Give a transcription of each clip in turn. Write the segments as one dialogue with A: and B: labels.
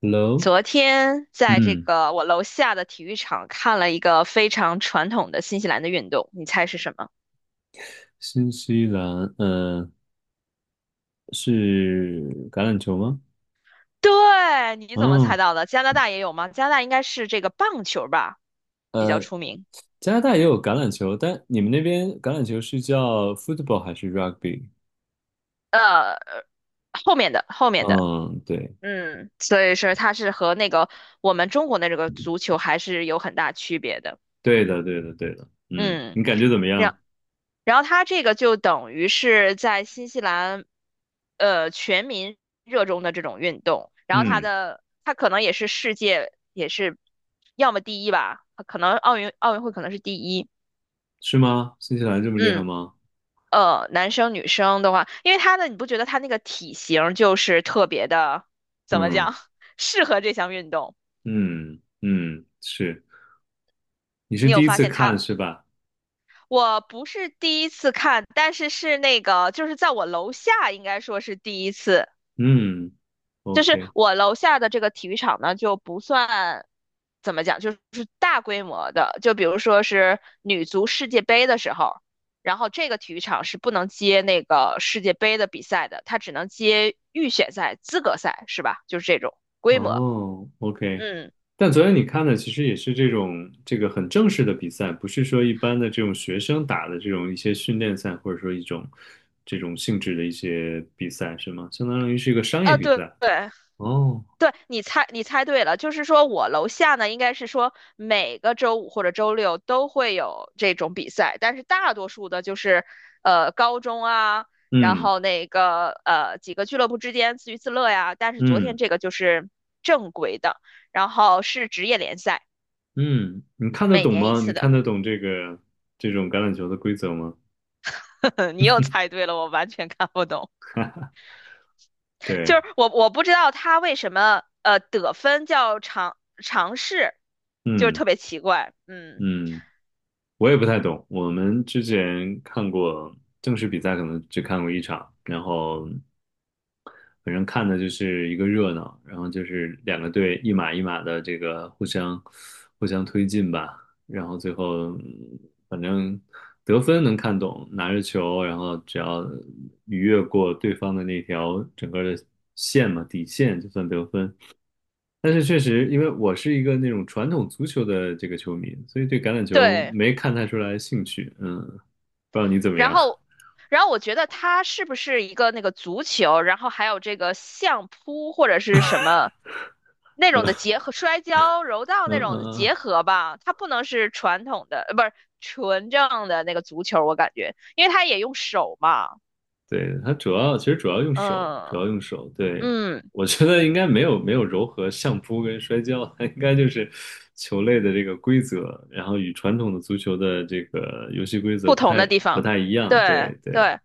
A: Hello，
B: 昨天在这
A: 嗯，
B: 个我楼下的体育场看了一个非常传统的新西兰的运动，你猜是什么？
A: 新西兰，嗯，是橄榄球吗？
B: 对，你怎么猜
A: 嗯，
B: 到的？加拿大也有吗？加拿大应该是这个棒球吧，比较
A: 呃，
B: 出名。
A: 加拿大也
B: 嗯，
A: 有橄榄球，但你们那边橄榄球是叫 football 还是 rugby？
B: 呃，后面的，
A: 嗯，对，
B: 所以说它是和那个我们中国的这个足球还是有很大区别的。
A: 对的，对的，对的，嗯，
B: 嗯。
A: 你感觉怎么
B: 然
A: 样？
B: 然后他这个就等于是在新西兰，全民热衷的这种运动。然后他
A: 嗯，
B: 的他可能也是世界也是，要么第一吧，可能奥运会可能是第一。
A: 是吗？新西兰这么厉害
B: 嗯，
A: 吗？
B: 男生女生的话，因为他的你不觉得他那个体型就是特别的，怎么
A: 嗯
B: 讲，适合这项运动？
A: 嗯嗯，是，你是
B: 你有
A: 第一
B: 发
A: 次
B: 现他？
A: 看是吧？
B: 我不是第一次看，但是是那个，就是在我楼下，应该说是第一次。
A: 嗯
B: 就是
A: ，OK。
B: 我楼下的这个体育场呢，就不算怎么讲，就是大规模的，就比如说是女足世界杯的时候，然后这个体育场是不能接那个世界杯的比赛的，它只能接预选赛、资格赛，是吧？就是这种规模。
A: 哦，OK，
B: 嗯，
A: 但昨天你看的其实也是这种这个很正式的比赛，不是说一般的这种学生打的这种一些训练赛，或者说一种这种性质的一些比赛，是吗？相当于是一个商业
B: 啊，
A: 比
B: 对
A: 赛。
B: 对，
A: 哦，
B: 对，你猜对了，就是说我楼下呢，应该是说每个周五或者周六都会有这种比赛，但是大多数的就是，高中啊，然
A: 嗯
B: 后那个几个俱乐部之间自娱自乐呀。但是昨天
A: 嗯
B: 这个就是正规的，然后是职业联赛，
A: 嗯，你看得
B: 每
A: 懂
B: 年一
A: 吗？
B: 次
A: 你
B: 的。
A: 看得懂这个这种橄榄球的规则吗？
B: 你又猜对了，我完全看不懂，就
A: 对，
B: 是我不知道他为什么得分叫尝试，就是
A: 嗯
B: 特别奇怪，嗯，
A: 嗯，我也不太懂。我们之前看过正式比赛，可能只看过一场，然后反正看的就是一个热闹，然后就是两个队一码一码的这个互相推进吧，然后最后反正得分能看懂，拿着球，然后只要逾越过对方的那条整个的线嘛，底线就算得分。但是确实，因为我是一个那种传统足球的这个球迷，所以对橄榄球
B: 对。
A: 没看太出来兴趣。嗯，不知道你怎么
B: 然
A: 样？
B: 后，然后我觉得它是不是一个那个足球，然后还有这个相扑或者是什么那种的结合，摔跤、柔道
A: 嗯
B: 那种的
A: 嗯
B: 结
A: 嗯。
B: 合吧？它不能是传统的，不是纯正的那个足球，我感觉，因为它也用手嘛，
A: 对，它主要其实主要用手，主要
B: 嗯
A: 用手。对，
B: 嗯，
A: 我觉得应该没有柔和相扑跟摔跤，它应该就是球类的这个规则，然后与传统的足球的这个游戏规则
B: 不
A: 不
B: 同
A: 太
B: 的地
A: 不
B: 方，
A: 太一样。
B: 对
A: 对对，
B: 对。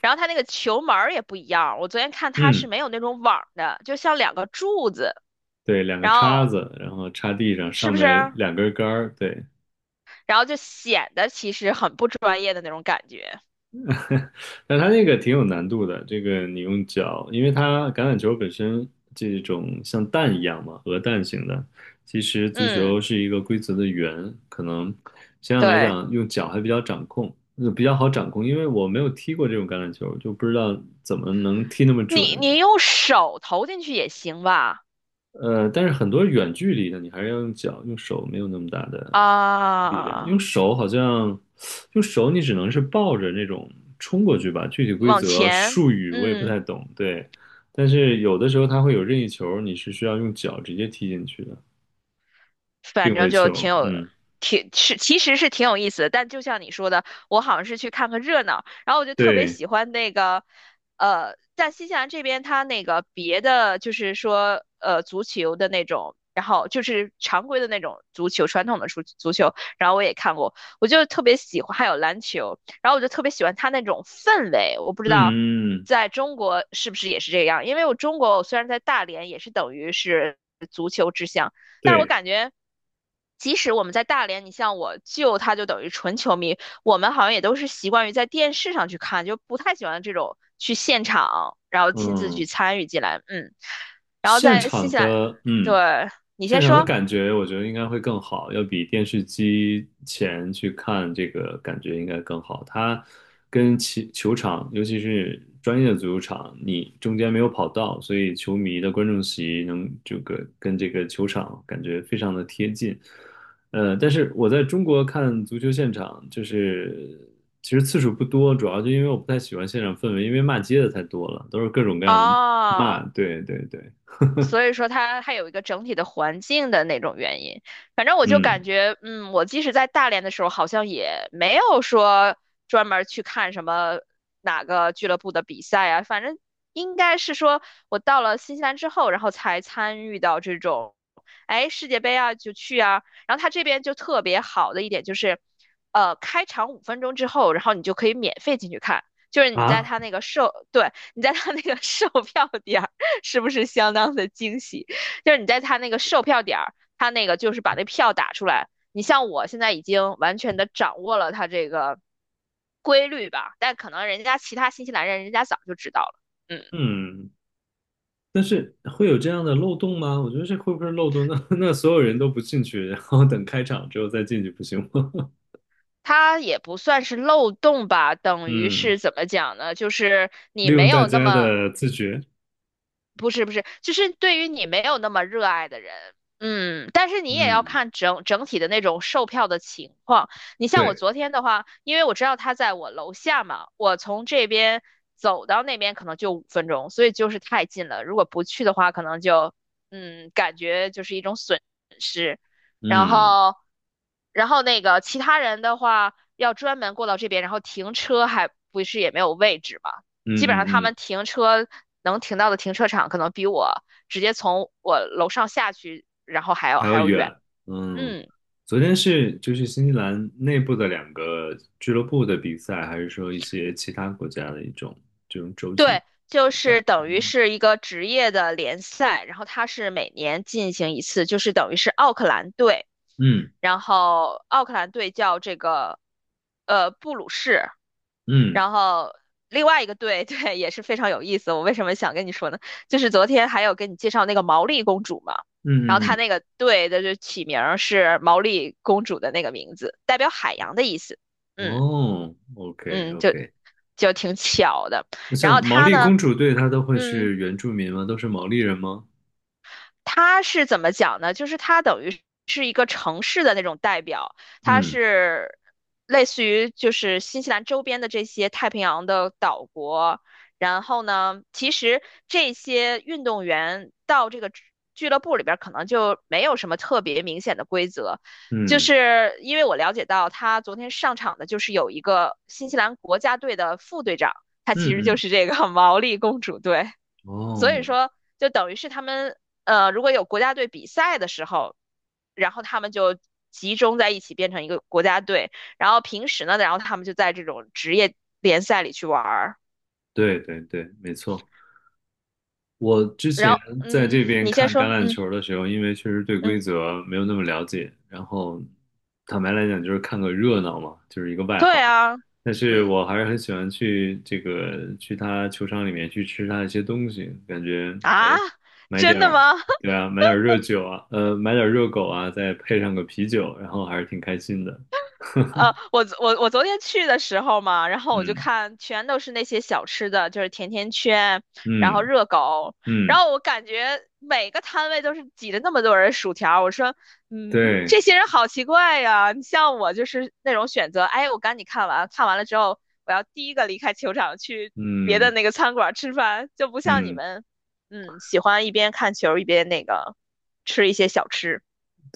B: 然后它那个球门儿也不一样，我昨天看它是
A: 嗯，
B: 没有那种网儿的，就像两个柱子，
A: 对，两个
B: 然
A: 叉
B: 后
A: 子，然后插地上，
B: 嗯是
A: 上
B: 不是？
A: 面两根杆儿。对，
B: 然后就显得其实很不专业的那种感觉。
A: 但它那个挺有难度的，这个你用脚，因为它橄榄球本身这种像蛋一样嘛，鹅蛋型的。其实足
B: 嗯，
A: 球是一个规则的圆，可能相对来
B: 对，
A: 讲用脚还比较掌控，比较好掌控，因为我没有踢过这种橄榄球，就不知道怎么能踢那么
B: 你
A: 准。
B: 你用手投进去也行吧？
A: 但是很多远距离的你还是要用脚，用手没有那么大的力量，
B: 啊，
A: 用手好像，用手你只能是抱着那种冲过去吧。具体规
B: 往
A: 则
B: 前，
A: 术语我也不
B: 嗯。
A: 太懂，对。但是有的时候它会有任意球，你是需要用脚直接踢进去的，
B: 反
A: 定
B: 正
A: 位
B: 就挺
A: 球。
B: 有，
A: 嗯，
B: 挺是其实是挺有意思的。但就像你说的，我好像是去看个热闹，然后我就特别
A: 对，
B: 喜欢那个，在新西兰这边，它那个别的就是说，足球的那种，然后就是常规的那种足球，传统的足球，然后我也看过，我就特别喜欢，还有篮球，然后我就特别喜欢它那种氛围，我不知道。
A: 嗯嗯，嗯
B: 在中国是不是也是这样？因为我中国，我虽然在大连，也是等于是足球之乡，但是我
A: 对，
B: 感觉，即使我们在大连，你像我舅，他就等于纯球迷，我们好像也都是习惯于在电视上去看，就不太喜欢这种去现场，然后
A: 嗯
B: 亲自
A: 嗯
B: 去
A: 对
B: 参与进来。嗯，然后
A: 现
B: 在新
A: 场
B: 西兰，
A: 的，嗯，
B: 对，你
A: 现
B: 先
A: 场的
B: 说。
A: 感觉，我觉得应该会更好，要比电视机前去看这个感觉应该更好。它跟其球场，尤其是专业的足球场，你中间没有跑道，所以球迷的观众席能这个跟这个球场感觉非常的贴近。但是我在中国看足球现场，就是其实次数不多，主要就因为我不太喜欢现场氛围，因为骂街的太多了，都是各种各样的骂，
B: 哦，
A: 对对对。
B: 所以说它还有一个整体的环境的那种原因。反正我就
A: 嗯
B: 感觉，嗯，我即使在大连的时候，好像也没有说专门儿去看什么哪个俱乐部的比赛啊。反正应该是说我到了新西兰之后，然后才参与到这种，哎，世界杯啊就去啊。然后它这边就特别好的一点就是，开场五分钟之后，然后你就可以免费进去看。就是你在
A: 啊，
B: 他那个售，对，你在他那个售票点，是不是相当的惊喜？就是你在他那个售票点儿，他那个就是把那票打出来。你像我现在已经完全的掌握了他这个规律吧，但可能其他新西兰人家早就知道了。嗯，
A: 嗯，但是会有这样的漏洞吗？我觉得这会不会是漏洞？那 那所有人都不进去，然后等开场之后再进去，不行吗？
B: 他也不算是漏洞吧，等于
A: 嗯，
B: 是怎么讲呢？就是你
A: 利
B: 没
A: 用大
B: 有那
A: 家
B: 么
A: 的自觉。
B: 不是不是，就是对于你没有那么热爱的人，嗯，但是你也要
A: 嗯，
B: 看整体的那种售票的情况。你像我
A: 对，
B: 昨天的话，因为我知道他在我楼下嘛，我从这边走到那边可能就五分钟，所以就是太近了。如果不去的话，可能就感觉就是一种损失。然
A: 嗯
B: 后，然后那个其他人的话，要专门过到这边，然后停车还不是也没有位置嘛，
A: 嗯
B: 基本上他
A: 嗯嗯，
B: 们停车能停到的停车场，可能比我直接从我楼上下去，然后
A: 还要
B: 还要远。
A: 远。嗯，
B: 嗯，
A: 昨天是就是新西兰内部的两个俱乐部的比赛，还是说一些其他国家的一种这种洲际
B: 对，就
A: 比赛？
B: 是等于
A: 嗯
B: 是一个职业的联赛，然后它是每年进行一次，就是等于是奥克兰队，
A: 嗯
B: 然后奥克兰队叫这个布鲁士，
A: 嗯
B: 然后另外一个队，对，也是非常有意思。我为什么想跟你说呢？就是昨天还有跟你介绍那个毛利公主嘛，然后
A: 嗯嗯
B: 她
A: 嗯，
B: 那个队的就起名儿是毛利公主的那个名字，代表海洋的意思。嗯
A: 哦，OK
B: 嗯，
A: OK。
B: 就挺巧的。然
A: 像
B: 后
A: 毛
B: 她
A: 利
B: 呢，
A: 公主队，她都会
B: 嗯。
A: 是原住民吗？都是毛利人吗？
B: 他是怎么讲呢？就是他等于是一个城市的那种代表，他
A: 嗯
B: 是类似于就是新西兰周边的这些太平洋的岛国。然后呢，其实这些运动员到这个俱乐部里边，可能就没有什么特别明显的规则。就
A: 嗯
B: 是因为我了解到，他昨天上场的就是有一个新西兰国家队的副队长，他其实
A: 嗯
B: 就
A: 嗯，
B: 是这个 毛利公主队。
A: 哦，
B: 所以说，就等于是他们如果有国家队比赛的时候，然后他们就集中在一起变成一个国家队，然后平时呢，然后他们就在这种职业联赛里去玩儿。
A: 对对对，没错。我之
B: 然
A: 前
B: 后，
A: 在这边
B: 你先
A: 看橄
B: 说，
A: 榄
B: 嗯
A: 球的时候，因为确实对
B: 嗯，
A: 规则没有那么了解，然后坦白来讲就是看个热闹嘛，就是一个外行。
B: 对啊，
A: 但是
B: 嗯
A: 我还是很喜欢去这个去他球场里面去吃他一些东西，感觉哎，
B: 啊，
A: 买
B: 真
A: 点
B: 的
A: 儿
B: 吗？
A: 对啊，买点儿热酒啊，买点儿热狗啊，再配上个啤酒，然后还是挺开心的。
B: 我昨天去的时候嘛，然后我就
A: 嗯
B: 看全都是那些小吃的，就是甜甜圈，然后
A: 嗯
B: 热狗，然
A: 嗯，
B: 后我感觉每个摊位都是挤着那么多人薯条，我说，嗯，
A: 对，
B: 这些人好奇怪呀。你像我就是那种选择，哎，我赶紧看完，看完了之后，我要第一个离开球场去别的
A: 嗯
B: 那个餐馆吃饭，就不像你
A: 嗯
B: 们，嗯，喜欢一边看球一边那个吃一些小吃，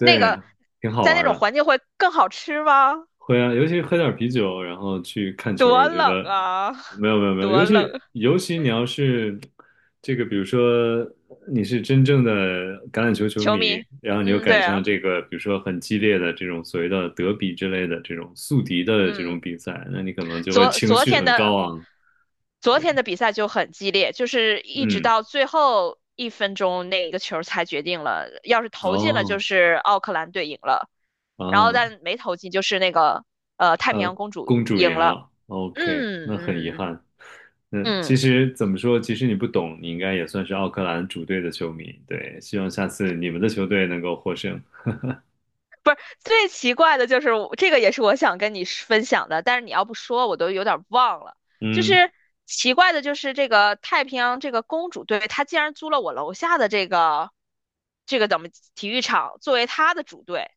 B: 那个
A: 啊，挺好
B: 在那
A: 玩
B: 种
A: 的。
B: 环境会更好吃吗？
A: 会啊，尤其喝点啤酒，然后去看球，
B: 多
A: 我觉
B: 冷
A: 得
B: 啊，
A: 没有没有没有，
B: 多
A: 尤其
B: 冷！
A: 尤其你要是这个，比如说你是真正的橄榄球球
B: 球
A: 迷，
B: 迷，
A: 然后你又
B: 嗯，对
A: 赶上
B: 啊，
A: 这个，比如说很激烈的这种所谓的德比之类的这种宿敌的这
B: 嗯，
A: 种比赛，那你可能就会
B: 昨
A: 情
B: 昨
A: 绪
B: 天
A: 很
B: 的
A: 高昂。
B: 昨天的比赛就很激烈，就是一直
A: 嗯，
B: 到最后一分钟那个球才决定了，要是投进了就
A: 哦
B: 是奥克兰队赢了，然后
A: 啊，
B: 但没投进就是那个太平洋公主
A: 公主
B: 赢
A: 赢
B: 了，
A: 了，OK，
B: 嗯
A: 那很遗
B: 嗯
A: 憾。嗯，
B: 嗯。
A: 其
B: 嗯
A: 实怎么说，其实你不懂，你应该也算是奥克兰主队的球迷。对，希望下次你们的球队能够获胜。
B: 最奇怪的就是我这个，也是我想跟你分享的，但是你要不说，我都有点忘了。就
A: 嗯，
B: 是奇怪的，就是这个太平洋这个公主队，她竟然租了我楼下的这个这个怎么体育场作为她的主队。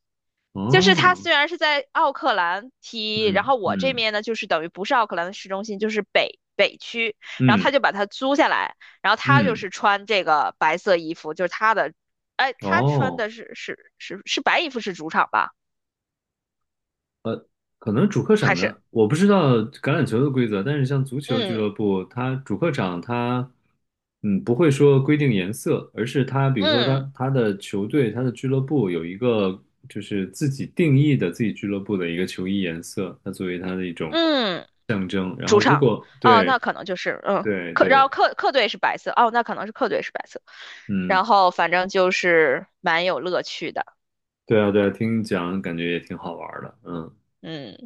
B: 就是她
A: 哦，
B: 虽然是在奥克兰踢，然
A: 嗯
B: 后我这
A: 嗯
B: 边呢，就是等于不是奥克兰的市中心，就是北区，然后她
A: 嗯
B: 就把它租下来，然后她就
A: 嗯，
B: 是穿这个白色衣服，就是她的，哎，她穿的
A: 哦。
B: 是白衣服是主场吧？
A: 可能主客
B: 还
A: 场
B: 是
A: 的，我不知道橄榄球的规则，但是像足球俱
B: 嗯
A: 乐部，它主客场它，嗯，不会说规定颜色，而是它，比如说
B: 嗯
A: 它的球队、它的俱乐部有一个就是自己定义的自己俱乐部的一个球衣颜色，它作为它的一种
B: 嗯
A: 象征。然
B: 主
A: 后如
B: 场
A: 果
B: 哦，那
A: 对
B: 可能就是
A: 对
B: 客，然后
A: 对，
B: 客队是白色哦，那可能是客队是白色，
A: 嗯，
B: 然后反正就是蛮有乐趣的，
A: 对啊对啊，听你讲感觉也挺好玩儿的，嗯，
B: 嗯，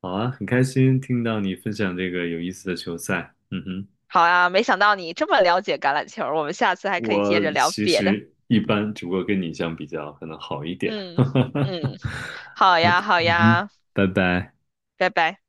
A: 好啊，很开心听到你分享这个有意思的球赛，嗯哼。
B: 好啊，没想到你这么了解橄榄球，我们下次还可以接
A: 我
B: 着聊
A: 其
B: 别的，
A: 实一般，只不过跟你相比较，可能好一点
B: 嗯
A: 儿。
B: 嗯，好呀好
A: 嗯哼，
B: 呀，
A: 拜拜。
B: 拜拜。